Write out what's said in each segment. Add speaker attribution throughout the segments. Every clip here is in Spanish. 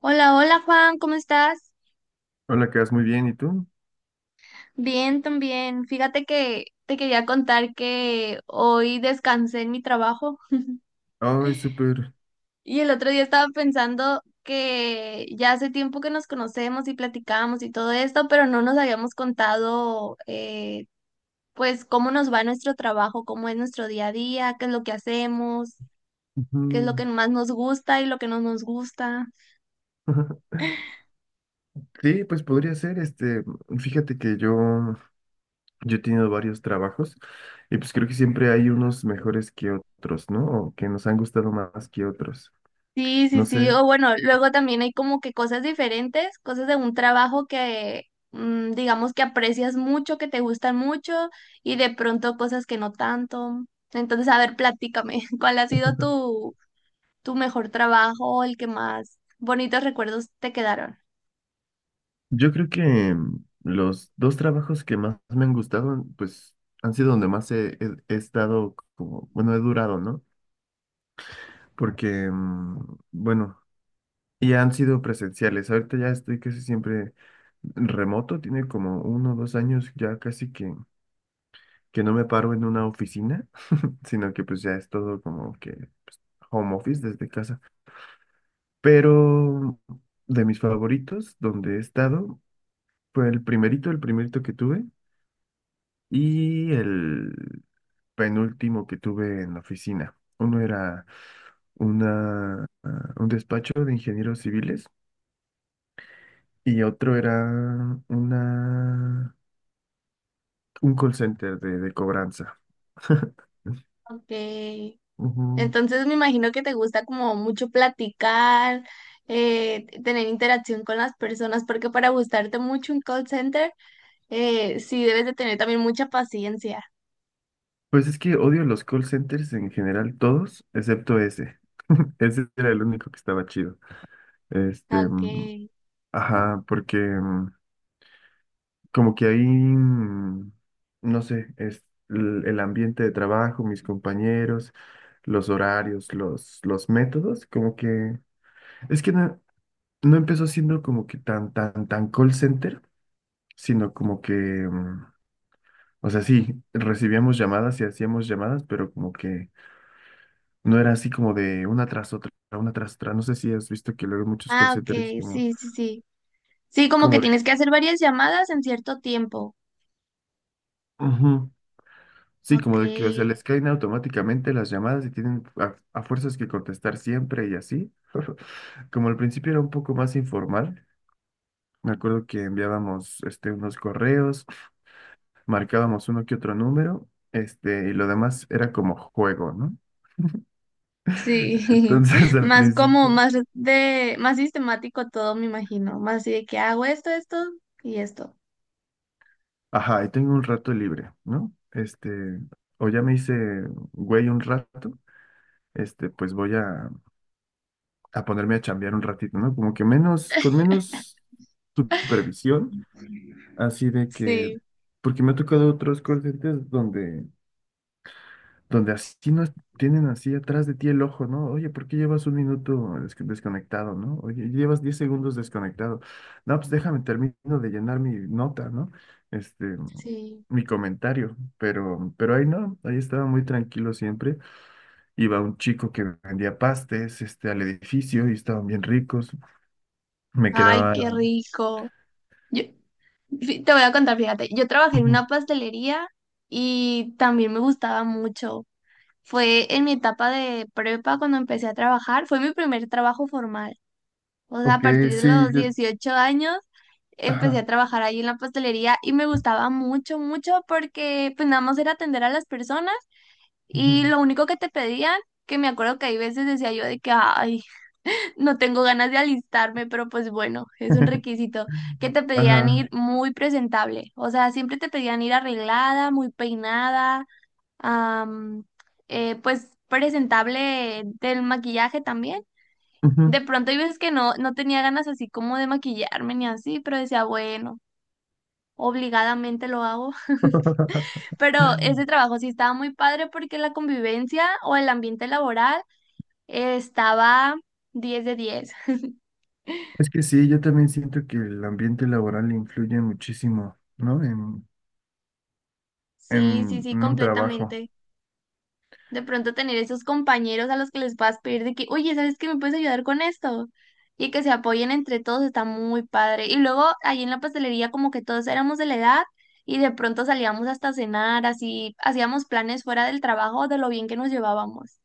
Speaker 1: Hola, hola Juan, ¿cómo estás?
Speaker 2: Hola, que vas muy bien, ¿y tú?
Speaker 1: Bien, también. Fíjate que te quería contar que hoy descansé en mi trabajo
Speaker 2: Ay, súper.
Speaker 1: y el otro día estaba pensando que ya hace tiempo que nos conocemos y platicamos y todo esto, pero no nos habíamos contado pues cómo nos va nuestro trabajo, cómo es nuestro día a día, qué es lo que hacemos,
Speaker 2: Ujú.
Speaker 1: qué es lo que más nos gusta y lo que no nos gusta.
Speaker 2: Sí, pues podría ser, fíjate que yo he tenido varios trabajos y pues creo que siempre hay unos mejores que otros, ¿no? O que nos han gustado más que otros.
Speaker 1: Sí, sí,
Speaker 2: No
Speaker 1: sí.
Speaker 2: sé,
Speaker 1: O bueno, luego también hay como que cosas diferentes, cosas de un trabajo que digamos que aprecias mucho, que te gustan mucho y de pronto cosas que no tanto. Entonces, a ver, platícame, ¿cuál ha sido tu mejor trabajo, el que más bonitos recuerdos te quedaron?
Speaker 2: yo creo que los dos trabajos que más me han gustado, pues han sido donde más he estado como, bueno, he durado, ¿no? Porque, bueno, y han sido presenciales. Ahorita ya estoy casi siempre remoto. Tiene como 1 o 2 años ya casi que, no me paro en una oficina, sino que pues ya es todo como que home office desde casa. Pero de mis favoritos, donde he estado, fue el primerito que tuve y el penúltimo que tuve en la oficina. Uno era un despacho de ingenieros civiles y otro era una un call center de cobranza.
Speaker 1: Ok.
Speaker 2: Ujú.
Speaker 1: Entonces me imagino que te gusta como mucho platicar, tener interacción con las personas, porque para gustarte mucho un call center. Sí, debes de tener también mucha paciencia.
Speaker 2: Pues es que odio los call centers en general, todos, excepto ese. Ese era el único que estaba chido. Este,
Speaker 1: Ah,
Speaker 2: mm,
Speaker 1: okay.
Speaker 2: ajá, porque como que ahí, no sé, es el ambiente de trabajo, mis compañeros, los horarios, los métodos, como que, es que no empezó siendo como que tan, tan, tan call center, sino como que o sea, sí, recibíamos llamadas y hacíamos llamadas, pero como que no era así como de una tras otra, una tras otra. No sé si has visto que luego muchos call
Speaker 1: Ah,
Speaker 2: centers
Speaker 1: ok,
Speaker 2: como,
Speaker 1: sí, sí, sí. Sí, como que
Speaker 2: como de,
Speaker 1: tienes que hacer varias llamadas en cierto tiempo.
Speaker 2: ujú, sí,
Speaker 1: Ok.
Speaker 2: como de que, o sea, les caen automáticamente las llamadas y tienen a fuerzas que contestar siempre y así. Como al principio era un poco más informal, me acuerdo que enviábamos unos correos, marcábamos uno que otro número, y lo demás era como juego, ¿no?
Speaker 1: Sí,
Speaker 2: Entonces al
Speaker 1: más
Speaker 2: principio,
Speaker 1: más sistemático todo, me imagino. Más así de que hago esto, esto y esto.
Speaker 2: ajá, y tengo un rato libre, ¿no? O ya me hice güey un rato, pues voy a ponerme a chambear un ratito, ¿no? Como que menos, con menos supervisión, así de que,
Speaker 1: Sí,
Speaker 2: porque me ha tocado otros call centers donde así no es- tienen así atrás de ti el ojo, ¿no? Oye, ¿por qué llevas 1 minuto desconectado? ¿No? Oye, llevas 10 segundos desconectado. No, pues déjame, termino de llenar mi nota, ¿no? Este,
Speaker 1: sí.
Speaker 2: mi comentario, pero, ahí no, ahí estaba muy tranquilo siempre. Iba un chico que vendía pastes, al edificio y estaban bien ricos. Me
Speaker 1: Ay,
Speaker 2: quedaba.
Speaker 1: qué rico. Yo, Te voy a contar, fíjate, yo trabajé en
Speaker 2: Ujú,
Speaker 1: una pastelería y también me gustaba mucho. Fue en mi etapa de prepa cuando empecé a trabajar, fue mi primer trabajo formal. O sea, a
Speaker 2: ok,
Speaker 1: partir de
Speaker 2: sí,
Speaker 1: los 18 años empecé a
Speaker 2: ajá,
Speaker 1: trabajar ahí en la pastelería y me gustaba mucho, mucho porque pues nada más era atender a las personas
Speaker 2: ujú.
Speaker 1: y lo único que te pedían, que me acuerdo que hay veces decía yo de que, ay, no tengo ganas de alistarme, pero pues bueno, es un requisito, que te pedían ir
Speaker 2: Ajá,
Speaker 1: muy presentable. O sea, siempre te pedían ir arreglada, muy peinada, am, pues presentable del maquillaje también.
Speaker 2: ujú.
Speaker 1: De pronto hay veces que no, no tenía ganas así como de maquillarme ni así, pero decía, bueno, obligadamente lo hago. Pero ese trabajo sí estaba muy padre porque la convivencia o el ambiente laboral estaba 10 de 10.
Speaker 2: Es que sí, yo también siento que el ambiente laboral influye muchísimo, ¿no? En,
Speaker 1: Sí, sí,
Speaker 2: en,
Speaker 1: sí,
Speaker 2: en un trabajo.
Speaker 1: completamente. De pronto tener esos compañeros a los que les puedas pedir de que, oye, ¿sabes qué me puedes ayudar con esto? Y que se apoyen entre todos, está muy padre. Y luego ahí en la pastelería como que todos éramos de la edad y de pronto salíamos hasta cenar, así hacíamos planes fuera del trabajo de lo bien que nos llevábamos.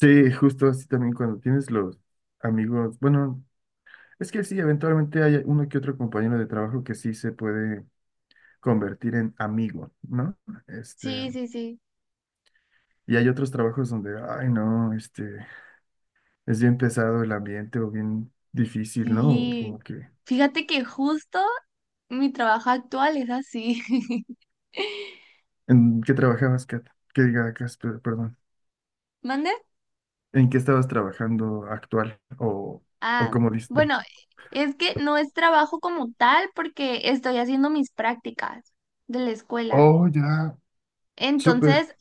Speaker 2: Sí, justo así también cuando tienes los amigos, bueno, es que sí, eventualmente hay uno que otro compañero de trabajo que sí se puede convertir en amigo, ¿no? Este,
Speaker 1: Sí, sí, sí.
Speaker 2: y hay otros trabajos donde, ay, no, es bien pesado el ambiente o bien difícil, ¿no? O
Speaker 1: Y
Speaker 2: como que,
Speaker 1: fíjate que justo mi trabajo actual es así.
Speaker 2: ¿en qué trabajabas, Kat? Que diga, Cas, perdón.
Speaker 1: ¿Mande?
Speaker 2: ¿En qué estabas trabajando actual? ¿O
Speaker 1: Ah,
Speaker 2: cómo dices?
Speaker 1: bueno, es que no es trabajo como tal porque estoy haciendo mis prácticas de la escuela.
Speaker 2: Oh, ya, súper.
Speaker 1: Entonces,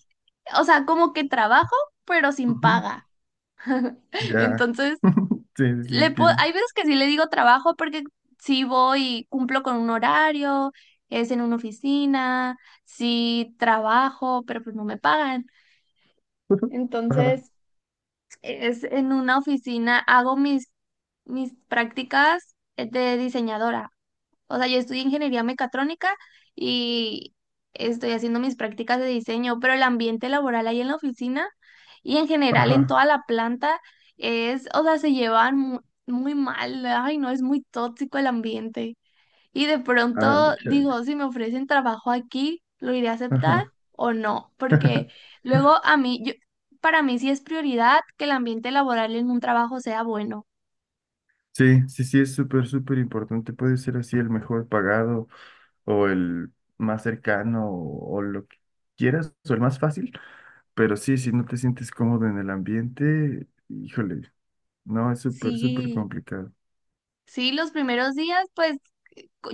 Speaker 1: o sea, como que trabajo, pero sin
Speaker 2: Ujú,
Speaker 1: paga.
Speaker 2: ya.
Speaker 1: Entonces,
Speaker 2: Sí, sí, sí, entiendo.
Speaker 1: hay veces que sí le digo trabajo porque sí voy y cumplo con un horario, es en una oficina, sí trabajo, pero pues no me pagan.
Speaker 2: Ajá,
Speaker 1: Entonces, es en una oficina, hago mis prácticas de diseñadora. O sea, yo estudié ingeniería mecatrónica y estoy haciendo mis prácticas de diseño, pero el ambiente laboral ahí en la oficina y en general en
Speaker 2: ajá.
Speaker 1: toda la planta es, o sea, muy mal. Ay, no, es muy tóxico el ambiente. Y de
Speaker 2: Ah,
Speaker 1: pronto
Speaker 2: chale.
Speaker 1: digo, si me ofrecen trabajo aquí, ¿lo iré a aceptar
Speaker 2: Ajá.
Speaker 1: o no? Porque luego para mí sí es prioridad que el ambiente laboral en un trabajo sea bueno.
Speaker 2: Sí, sí, sí, es súper, súper importante. Puede ser así el mejor pagado o el más cercano o lo que quieras o el más fácil. Pero sí, si no te sientes cómodo en el ambiente, híjole, no, es súper, súper
Speaker 1: Sí,
Speaker 2: complicado.
Speaker 1: sí, los primeros días, pues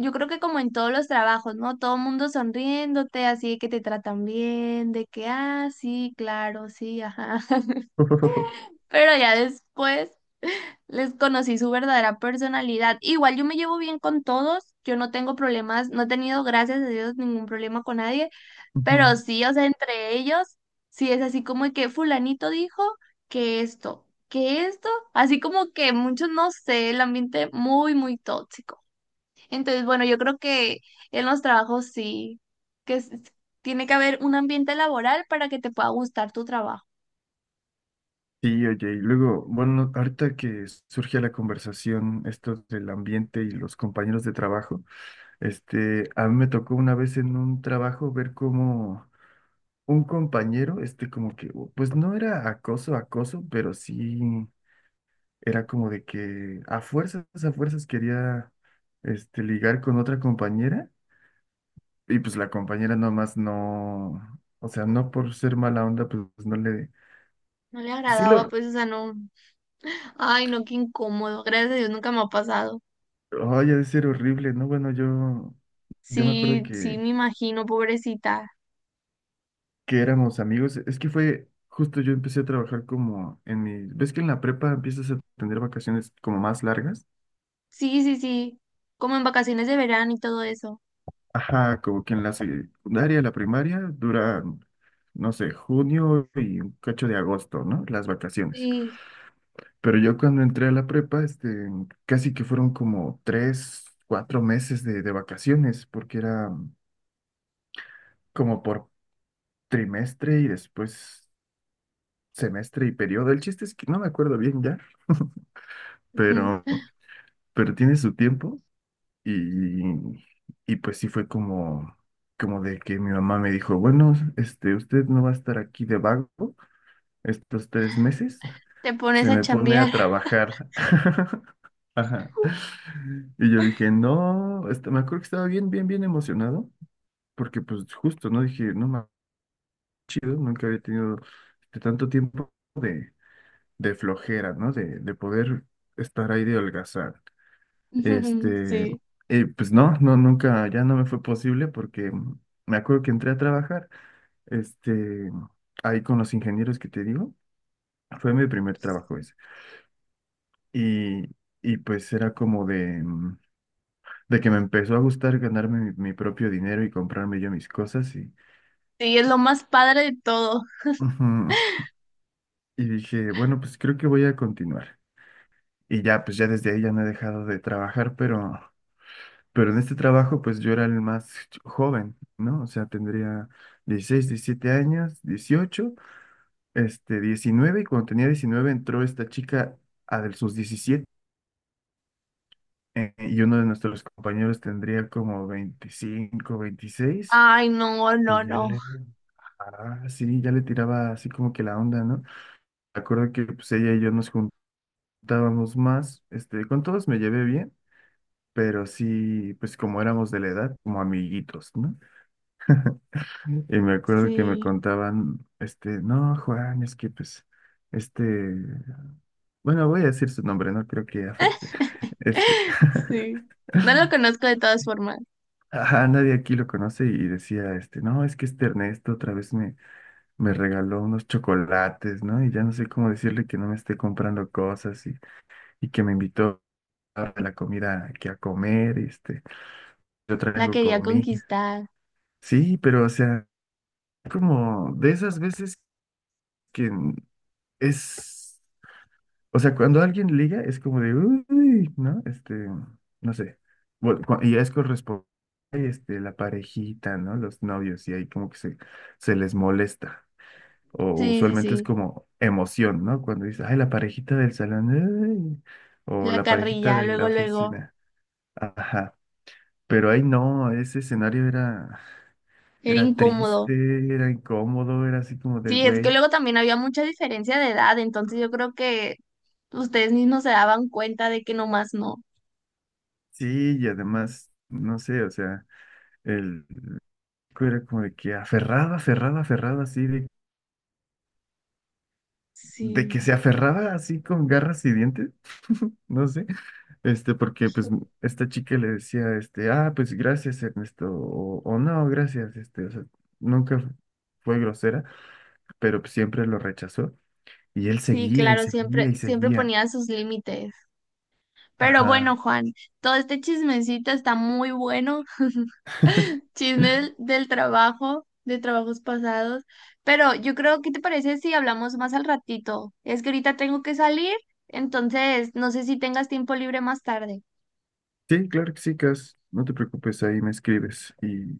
Speaker 1: yo creo que como en todos los trabajos, ¿no? Todo el mundo sonriéndote, así de que te tratan bien, de que, ah, sí, claro, sí, ajá. Pero ya después les conocí su verdadera personalidad. Igual yo me llevo bien con todos, yo no tengo problemas, no he tenido, gracias a Dios, ningún problema con nadie, pero
Speaker 2: Ujú.
Speaker 1: sí, o sea, entre ellos, sí es así como de que fulanito dijo que esto, así como que muchos, no sé, el ambiente muy, muy tóxico. Entonces, bueno, yo creo que en los trabajos sí, que es- tiene que haber un ambiente laboral para que te pueda gustar tu trabajo.
Speaker 2: Sí, oye, y luego, bueno, ahorita que surge la conversación, esto del ambiente y los compañeros de trabajo, a mí me tocó una vez en un trabajo ver cómo un compañero, como que, pues no era acoso, acoso, pero sí era como de que a fuerzas quería, ligar con otra compañera y pues la compañera nomás no, o sea, no por ser mala onda, pues no le.
Speaker 1: No le
Speaker 2: Sí,
Speaker 1: agradaba, pues, o sea, no. Ay, no, qué incómodo. Gracias a Dios nunca me ha pasado.
Speaker 2: ay, ha de ser horrible, ¿no? Bueno, yo me acuerdo
Speaker 1: Sí, sí,
Speaker 2: que,
Speaker 1: me imagino, pobrecita.
Speaker 2: éramos amigos. Es que fue justo yo empecé a trabajar como en mi. ¿Ves que en la prepa empiezas a tener vacaciones como más largas?
Speaker 1: Sí, sí, sí. Como en vacaciones de verano y todo eso.
Speaker 2: Ajá, como que en la secundaria, la primaria, duran, no sé, junio y un cacho de agosto, ¿no? Las vacaciones.
Speaker 1: Sí.
Speaker 2: Pero yo cuando entré a la prepa, casi que fueron como 3, 4 meses de vacaciones, porque era como por trimestre y después semestre y periodo. El chiste es que no me acuerdo bien ya,
Speaker 1: Ujú.
Speaker 2: pero, tiene su tiempo y, y pues sí fue como, de que mi mamá me dijo, bueno, usted no va a estar aquí de vago estos 3 meses,
Speaker 1: Te pones
Speaker 2: se
Speaker 1: a
Speaker 2: me pone
Speaker 1: chambear.
Speaker 2: a trabajar. Ajá. Y yo dije, no, me acuerdo que estaba bien, bien, bien emocionado, porque pues justo, ¿no? Dije, no, más chido, nunca había tenido tanto tiempo de flojera, ¿no? De poder estar ahí de holgazán. Este,
Speaker 1: Sí.
Speaker 2: pues no, no, nunca, ya no me fue posible porque me acuerdo que entré a trabajar, este, ahí con los ingenieros que te digo, fue mi primer trabajo ese. Y, y pues era como de, de que me empezó a gustar ganarme mi propio dinero y comprarme yo mis cosas y,
Speaker 1: Sí, es lo más padre de todo.
Speaker 2: ujú, y dije, bueno, pues creo que voy a continuar. Y ya, pues ya desde ahí ya no he dejado de trabajar, pero. Pero en este trabajo, pues yo era el más joven, ¿no? O sea, tendría 16, 17 años, 18, 19, y cuando tenía 19 entró esta chica a de sus 17, y uno de nuestros compañeros tendría como 25, 26,
Speaker 1: Ay, no,
Speaker 2: y
Speaker 1: no, no.
Speaker 2: ah, sí, ya le tiraba así como que la onda, ¿no? Me acuerdo que pues ella y yo nos juntábamos más, con todos me llevé bien, pero sí, pues como éramos de la edad, como amiguitos, ¿no? Y me acuerdo que me
Speaker 1: Sí.
Speaker 2: contaban, no, Juan, es que pues, este, bueno, voy a decir su nombre, no creo que afecte. Este,
Speaker 1: Sí. No lo conozco de todas formas.
Speaker 2: ajá, nadie aquí lo conoce y decía, no, es que este Ernesto otra vez me, regaló unos chocolates, ¿no? Y ya no sé cómo decirle que no me esté comprando cosas y que me invitó a la comida aquí a comer, y, yo
Speaker 1: La
Speaker 2: traigo
Speaker 1: quería
Speaker 2: comida.
Speaker 1: conquistar.
Speaker 2: Sí, pero o sea, como de esas veces que es. O sea, cuando alguien liga es como de, uy, ¿no? No sé. Bueno, y es corresponde, la parejita, ¿no? Los novios, y ahí como que se les molesta. O
Speaker 1: Sí, sí,
Speaker 2: usualmente es
Speaker 1: sí.
Speaker 2: como emoción, ¿no? Cuando dice, ay, la parejita del salón, ay, o
Speaker 1: La
Speaker 2: la parejita
Speaker 1: carrilla,
Speaker 2: de la
Speaker 1: luego, luego.
Speaker 2: oficina. Ajá. Pero ahí no, ese escenario era,
Speaker 1: Era incómodo.
Speaker 2: triste, era incómodo, era así como de,
Speaker 1: Sí, es que
Speaker 2: güey,
Speaker 1: luego también había mucha diferencia de edad, entonces yo creo que ustedes mismos se daban cuenta de que nomás no.
Speaker 2: sí, y además, no sé, o sea. Era como de que aferrada, aferrada, aferrada, así, de
Speaker 1: Sí.
Speaker 2: que se aferraba así con garras y dientes, no sé, porque pues esta chica le decía, ah, pues gracias, Ernesto, o, no, gracias, o sea, nunca fue grosera, pero pues, siempre lo rechazó, y él
Speaker 1: Sí,
Speaker 2: seguía y
Speaker 1: claro, siempre,
Speaker 2: seguía y
Speaker 1: siempre
Speaker 2: seguía,
Speaker 1: ponía sus límites. Pero bueno,
Speaker 2: ajá.
Speaker 1: Juan, todo este chismecito está muy bueno. Chismes del trabajo, de trabajos pasados. Pero yo creo, ¿qué te parece si hablamos más al ratito? Es que ahorita tengo que salir, entonces no sé si tengas tiempo libre más tarde.
Speaker 2: Sí, claro que sí, Cas, no te preocupes, ahí me escribes y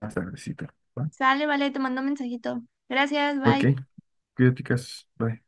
Speaker 2: hasta tardecito, ¿va?
Speaker 1: Sale, vale, te mando un mensajito. Gracias,
Speaker 2: Ok,
Speaker 1: bye.
Speaker 2: cuídate, Cas, bye.